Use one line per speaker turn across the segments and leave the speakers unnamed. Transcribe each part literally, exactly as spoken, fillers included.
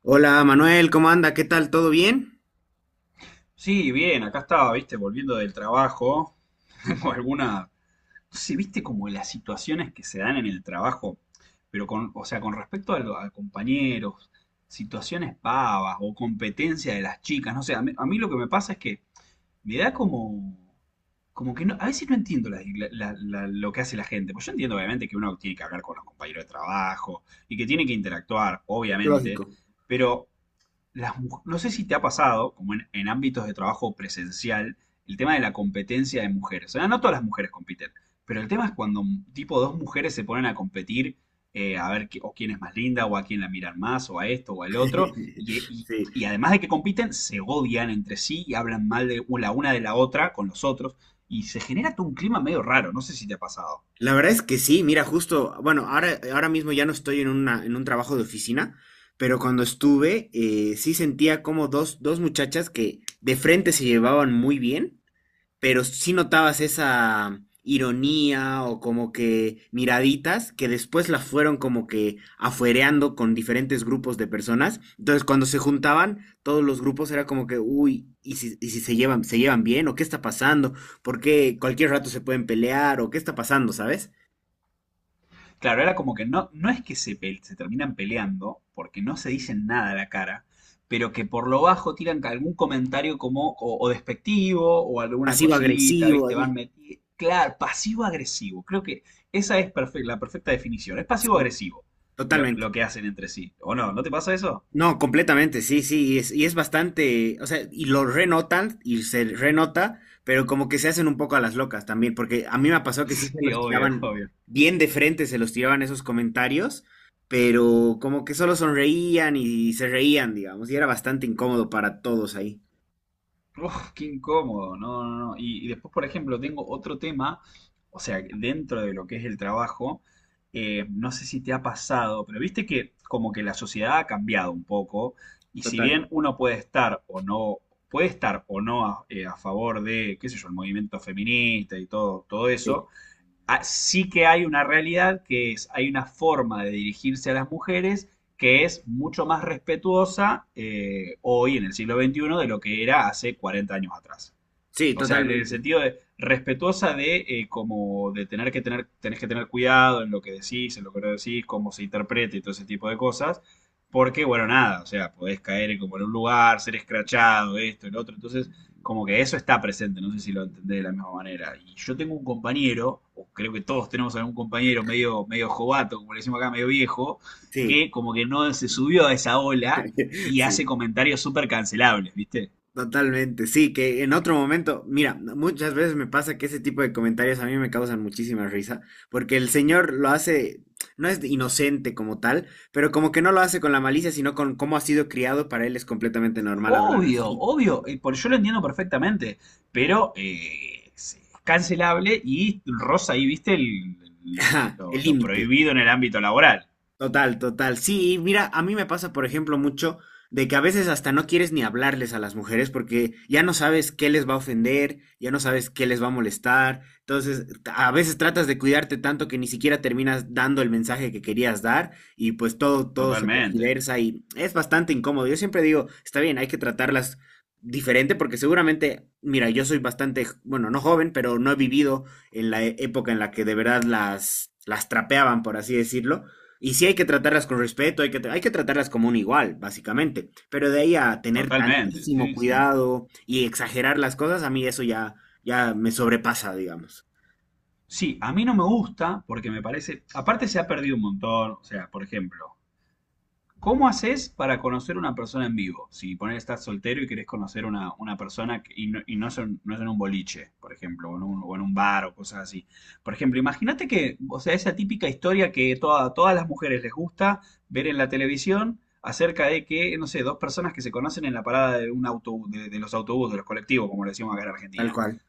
Hola Manuel, ¿cómo anda? ¿Qué tal? ¿Todo bien?
Sí, bien, acá estaba, viste, volviendo del trabajo. Tengo alguna. No sé, viste como las situaciones que se dan en el trabajo, pero con, o sea, con respecto a, lo- a compañeros, situaciones pavas o competencia de las chicas, no sé, a mí, a mí lo que me pasa es que me da como. Como que no, a veces no entiendo la- la- la- lo que hace la gente. Pues yo entiendo, obviamente, que uno tiene que hablar con los compañeros de trabajo y que tiene que interactuar, obviamente,
Lógico.
pero las mu- no sé si te ha pasado, como en, en ámbitos de trabajo presencial, el tema de la competencia de mujeres. O sea, no todas las mujeres compiten, pero el tema es cuando mm, tipo dos mujeres se ponen a competir eh, a ver qué- o quién es más linda, o a quién la miran más, o a esto, o al otro, y, y-
Sí,
y además de que compiten, se odian entre sí y hablan mal de la una de la otra con los otros, y se genera todo un clima medio raro, no sé si te ha pasado.
la verdad es que sí, mira, justo, bueno, ahora, ahora mismo ya no estoy en una, en un trabajo de oficina, pero cuando estuve, eh, sí sentía como dos, dos muchachas que de frente se llevaban muy bien, pero sí notabas esa ironía o como que miraditas que después las fueron como que afuereando con diferentes grupos de personas. Entonces, cuando se juntaban, todos los grupos era como que, uy, ¿y si, y si se llevan, se llevan bien? ¿O qué está pasando? ¿Por qué cualquier rato se pueden pelear? ¿O qué está pasando, sabes?
Claro, era como que no, no es que se, pe- se terminan peleando, porque no se dicen nada a la cara, pero que por lo bajo tiran ca- algún comentario como o, o despectivo o alguna
Pasivo
cosita,
agresivo
¿viste? Van
ahí.
metiendo. Claro, pasivo-agresivo. Creo que esa es perfe- la perfecta definición. Es
Sí,
pasivo-agresivo lo,
totalmente.
lo que hacen entre sí. ¿O no? ¿No te pasa eso?
No, completamente, sí, sí, y es, y es bastante, o sea, y lo renotan y se renota, pero como que se hacen un poco a las locas también, porque a mí me pasó que sí se
Sí,
los
obvio,
tiraban
obvio.
bien de frente, se los tiraban esos comentarios, pero como que solo sonreían y se reían, digamos, y era bastante incómodo para todos ahí.
Uf, qué incómodo, no, no, no. Y, y después, por ejemplo, tengo otro tema, o sea, dentro de lo que es el trabajo, eh, no sé si te ha pasado, pero viste que como que la sociedad ha cambiado un poco, y si
Total.
bien uno puede estar o no, puede estar o no a, eh, a favor de, qué sé yo, el movimiento feminista y todo, todo
Sí,
eso, ah, sí que hay una realidad que es, hay una forma de dirigirse a las mujeres que es mucho más respetuosa eh, hoy en el siglo veintiuno de lo que era hace cuarenta años atrás.
sí,
O sea, en el
totalmente.
sentido de respetuosa de eh, como de tener que tener, tenés que tener cuidado en lo que decís, en lo que no decís, cómo se interpreta y todo ese tipo de cosas. Porque, bueno, nada, o sea, podés caer en como en un lugar, ser escrachado, esto, el otro. Entonces, como que eso está presente, no sé si lo entendés de la misma manera. Y yo tengo un compañero, o creo que todos tenemos algún compañero medio, medio jovato, como le decimos acá, medio viejo,
Sí,
que como que no se subió a esa ola y
sí.
hace comentarios súper cancelables, ¿viste?
Totalmente, sí, que en otro momento, mira, muchas veces me pasa que ese tipo de comentarios a mí me causan muchísima risa, porque el señor lo hace, no es inocente como tal, pero como que no lo hace con la malicia, sino con cómo ha sido criado. Para él es completamente normal hablar
Obvio,
así.
obvio, eh, por yo lo entiendo perfectamente, pero eh, es es cancelable y rosa ahí, viste, el-
Ajá,
lo,
el
lo
límite.
prohibido en el ámbito laboral.
Total, total. Sí, y mira, a mí me pasa, por ejemplo, mucho de que a veces hasta no quieres ni hablarles a las mujeres porque ya no sabes qué les va a ofender, ya no sabes qué les va a molestar. Entonces, a veces tratas de cuidarte tanto que ni siquiera terminas dando el mensaje que querías dar y pues todo, todo se
Totalmente,
tergiversa y es bastante incómodo. Yo siempre digo, está bien, hay que tratarlas diferente porque seguramente, mira, yo soy bastante, j- bueno, no joven, pero no he vivido en la e- época en la que de verdad las, las trapeaban, por así decirlo. Y sí hay que tratarlas con respeto, hay que, tra- hay que tratarlas como un igual, básicamente. Pero de ahí a tener
totalmente,
tantísimo
sí, sí.
cuidado y exagerar las cosas, a mí eso ya, ya me sobrepasa, digamos.
Sí, a mí no me gusta porque me parece, aparte se ha perdido un montón, o sea, por ejemplo, ¿cómo haces para conocer una persona en vivo? Si poner estás soltero y querés conocer una, una persona que- y, no, y no es en, no es en un boliche, por ejemplo, o en un, o en un bar o cosas así. Por ejemplo, imagínate que, o sea, esa típica historia que toda- todas las mujeres les gusta ver en la televisión acerca de que, no sé, dos personas que se conocen en la parada de un autobús, de, de los autobuses, de los colectivos, como le decimos acá en
Tal
Argentina.
cual.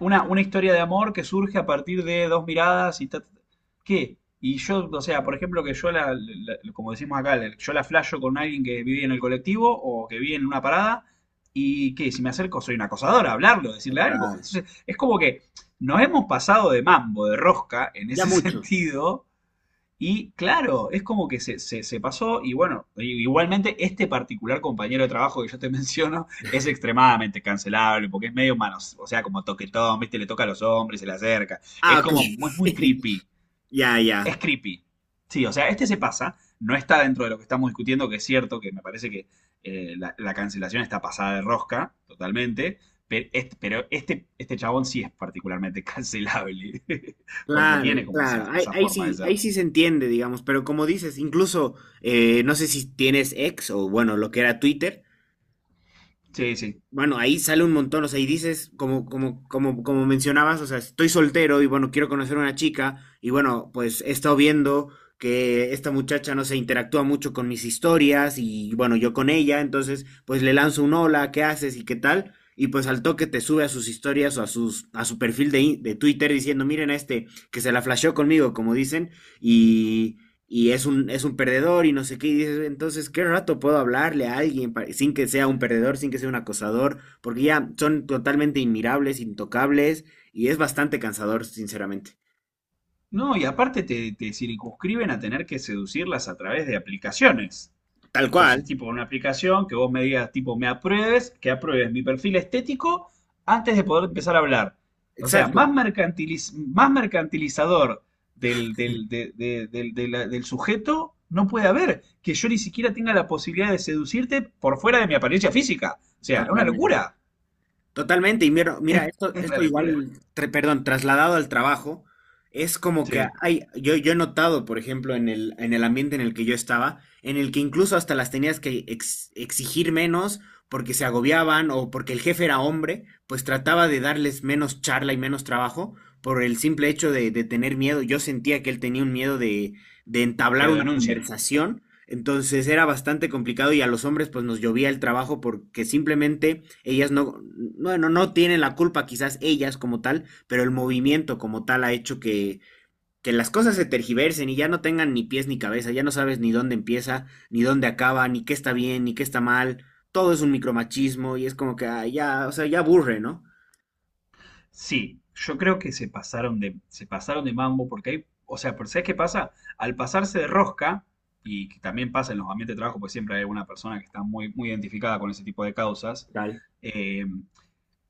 Una, una historia de amor que surge a partir de dos miradas y ta- ta- ta- ¿qué? Y yo, o sea, por ejemplo, que yo la, la- como decimos acá, la- yo la flasho con alguien que vive en el colectivo o que vive en una parada, y que si me acerco soy una acosadora, hablarlo, decirle algo.
Total.
Entonces, es como que nos hemos pasado de mambo, de rosca, en
Ya
ese
mucho.
sentido, y claro, es como que se, se- se pasó y bueno, i- igualmente este particular compañero de trabajo que yo te menciono es extremadamente cancelable porque es medio manos, o sea, como toquetón, viste, le toca a los hombres, se le acerca.
Ah,
Es
ok.
como, mu- es muy creepy,
Ya,
es
ya.
creepy. Sí, o sea, este se pasa, no está dentro de lo que estamos discutiendo, que es cierto, que me parece que eh, la, la cancelación está pasada de rosca, totalmente, pe- este- pero este, este chabón sí es particularmente cancelable, porque tiene
Claro,
como esa,
claro. Ahí,
esa
ahí
forma de
sí, ahí
ser.
sí se entiende, digamos. Pero como dices, incluso, eh, no sé si tienes ex o bueno, lo que era Twitter.
Sí, sí.
Bueno, ahí sale un montón, o sea, y dices, como, como, como, como mencionabas, o sea, estoy soltero y bueno, quiero conocer a una chica, y bueno, pues he estado viendo que esta muchacha, no se interactúa mucho con mis historias, y bueno, yo con ella, entonces, pues le lanzo un hola, ¿qué haces y qué tal? Y pues al toque te sube a sus historias o a sus, a su perfil de, in- de Twitter diciendo, miren a este, que se la flasheó conmigo, como dicen, y y es un, es un perdedor y no sé qué, y dices, entonces, ¿qué rato puedo hablarle a alguien pa- sin que sea un perdedor, sin que sea un acosador? Porque ya son totalmente inmirables, intocables, y es bastante cansador, sinceramente.
No, y aparte te, te circunscriben a tener que seducirlas a través de aplicaciones.
Tal cual.
Entonces, tipo, una aplicación que vos me digas, tipo, me apruebes, que apruebes mi perfil estético antes de poder empezar a hablar. O sea,
Exacto,
más mercantiliz- más mercantilizador del, del, de- de- del- de la- del sujeto no puede haber. Que yo ni siquiera tenga la posibilidad de seducirte por fuera de mi apariencia física. O sea, es una
totalmente.
locura.
Totalmente, y mira, mira,
Es
esto,
una
esto igual,
locura.
tra- perdón, trasladado al trabajo, es como que
Sí,
hay, yo, yo he notado, por ejemplo, en el, en el ambiente en el que yo estaba, en el que incluso hasta las tenías que ex- exigir menos porque se agobiaban o porque el jefe era hombre, pues trataba de darles menos charla y menos trabajo por el simple hecho de, de tener miedo. Yo sentía que él tenía un miedo de, de
que
entablar
lo
una
denuncien.
conversación. Entonces era bastante complicado y a los hombres pues nos llovía el trabajo porque simplemente ellas no, bueno, no tienen la culpa quizás ellas como tal, pero el movimiento como tal ha hecho que, que las cosas se tergiversen y ya no tengan ni pies ni cabeza, ya no sabes ni dónde empieza, ni dónde acaba, ni qué está bien, ni qué está mal, todo es un micromachismo y es como que ah, ya, o sea, ya aburre, ¿no?
Sí, yo creo que se pasaron de, se pasaron de mambo porque hay, o sea, pero ¿sabes qué pasa? Al pasarse de rosca, y que también pasa en los ambientes de trabajo, pues siempre hay alguna persona que está muy, muy identificada con ese tipo de causas,
Total.
eh,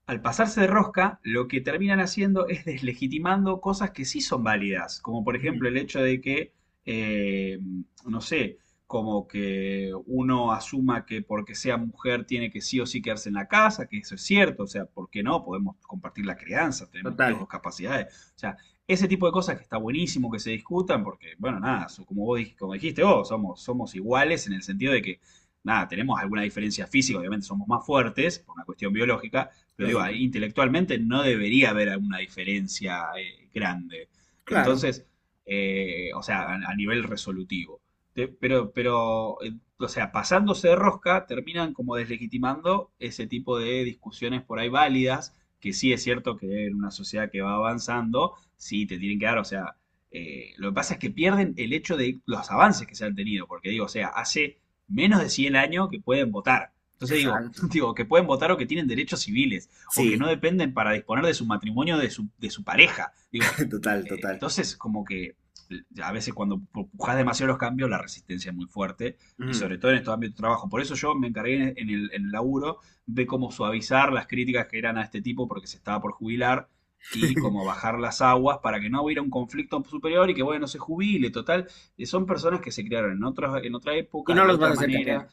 al pasarse de rosca, lo que terminan haciendo es deslegitimando cosas que sí son válidas, como por
Ujú.
ejemplo el hecho de que, eh, no sé, como que uno asuma que porque sea mujer tiene que sí o sí quedarse en la casa, que eso es cierto, o sea, ¿por qué no? Podemos compartir la crianza, tenemos las
Total.
dos capacidades, o sea, ese tipo de cosas que está buenísimo que se discutan, porque, bueno, nada, so- como vos dij- como dijiste vos, somos, somos iguales en el sentido de que, nada, tenemos alguna diferencia física, obviamente somos más fuertes por una cuestión biológica, pero digo,
Lógico.
ahí intelectualmente no debería haber una diferencia eh, grande.
Claro,
Entonces, eh, o sea, a, a nivel resolutivo. Te- pero, pero, eh, o sea, pasándose de rosca, terminan como deslegitimando ese tipo de discusiones por ahí válidas, que sí es cierto que en una sociedad que va avanzando, sí te tienen que dar, o sea, eh, lo que pasa es que pierden el hecho de los avances que se han tenido, porque digo, o sea, hace menos de cien años que pueden votar. Entonces digo,
exacto.
digo, que pueden votar o que tienen derechos civiles o que
Sí,
no dependen para disponer de su matrimonio de su, de su pareja. Digo,
total,
eh,
total.
entonces como que eh, a veces cuando pujas demasiado los cambios, la resistencia es muy fuerte y
Ujú.
sobre todo en estos ámbitos de trabajo. Por eso yo me encargué en el, en el laburo de cómo suavizar las críticas que eran a este tipo porque se estaba por jubilar y cómo bajar las aguas para que no hubiera un conflicto superior y que, bueno, se jubile, total. eh, Son personas que se criaron en, otros, en otra
Y
época,
no
de
los vas a
otra
hacer
manera,
cambiar.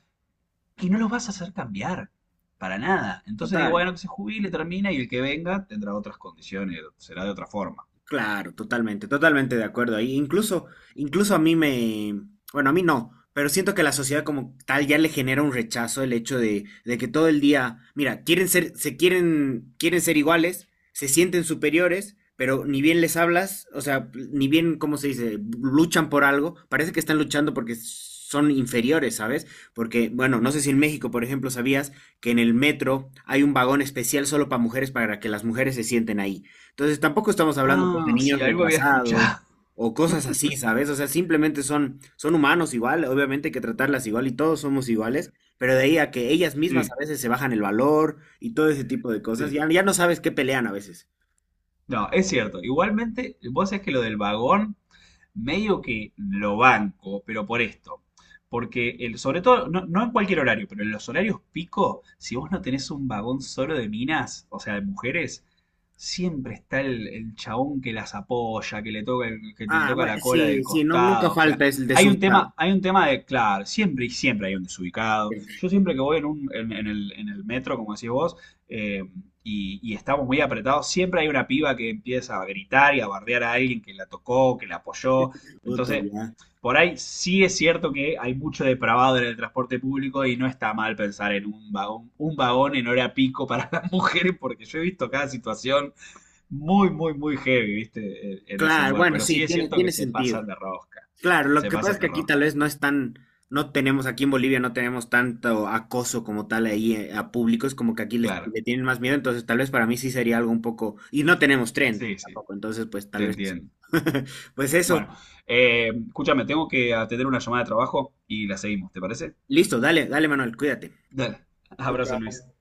y no los vas a hacer cambiar. Para nada. Entonces digo,
Total,
bueno, que se jubile, termina y el que venga tendrá otras condiciones, será de otra forma.
claro, totalmente, totalmente de acuerdo. Ahí incluso, incluso a mí me, bueno, a mí no, pero siento que la sociedad como tal ya le genera un rechazo el hecho de, de que todo el día, mira, quieren ser, se quieren, quieren ser iguales, se sienten superiores, pero ni bien les hablas, o sea, ni bien, ¿cómo se dice? Luchan por algo, parece que están luchando porque son inferiores, ¿sabes? Porque, bueno, no sé si en México, por ejemplo, sabías que en el metro hay un vagón especial solo para mujeres para que las mujeres se sienten ahí. Entonces tampoco estamos hablando pues, de
Ah, sí,
niños
algo había
retrasados
escuchado.
o cosas así, ¿sabes? O sea, simplemente son, son humanos igual, obviamente hay que tratarlas igual y todos somos iguales, pero de ahí a que ellas mismas a
Sí,
veces se bajan el valor y todo ese tipo de cosas,
sí.
ya, ya no sabes qué pelean a veces.
No, es cierto. Igualmente, vos sabés que lo del vagón medio que lo banco, pero por esto. Porque el, sobre todo, no, no en cualquier horario, pero en los horarios pico, si vos no tenés un vagón solo de minas, o sea, de mujeres, siempre está el, el chabón que las apoya, que le toca el- que te
Ah,
toca
bueno,
la cola del
sí, sí, no, nunca
costado. O sea,
falta es el
hay un
desubicado.
tema, hay un tema de, claro, siempre y siempre hay un desubicado. Yo siempre que voy en un, en, en el, en el metro, como decís vos, eh, y, y estamos muy apretados, siempre hay una piba que empieza a gritar y a bardear a alguien que la tocó, que la apoyó.
Puta,
Entonces,
ya.
por ahí sí es cierto que hay mucho depravado en el transporte público y no está mal pensar en un vagón, un vagón en hora pico para las mujeres, porque yo he visto cada situación muy, muy, muy heavy, ¿viste? En, en ese
Claro,
lugar.
bueno,
Pero sí
sí,
es
tiene,
cierto que
tiene
se
sentido.
pasan de rosca.
Claro, lo
Se
que pasa es
pasan
que
de
aquí tal
rosca.
vez no es tan, no tenemos, aquí en Bolivia no tenemos tanto acoso como tal ahí eh, a públicos, como que aquí les,
Claro.
le tienen más miedo, entonces tal vez para mí sí sería algo un poco, y no tenemos tren
Sí, sí.
tampoco, entonces pues
Te
tal vez,
entiendo.
pues eso,
Bueno, eh, escúchame, tengo que atender una llamada de trabajo y la seguimos, ¿te parece?
listo, dale, dale Manuel, cuídate.
Dale,
Chao,
abrazo Luis.
chao.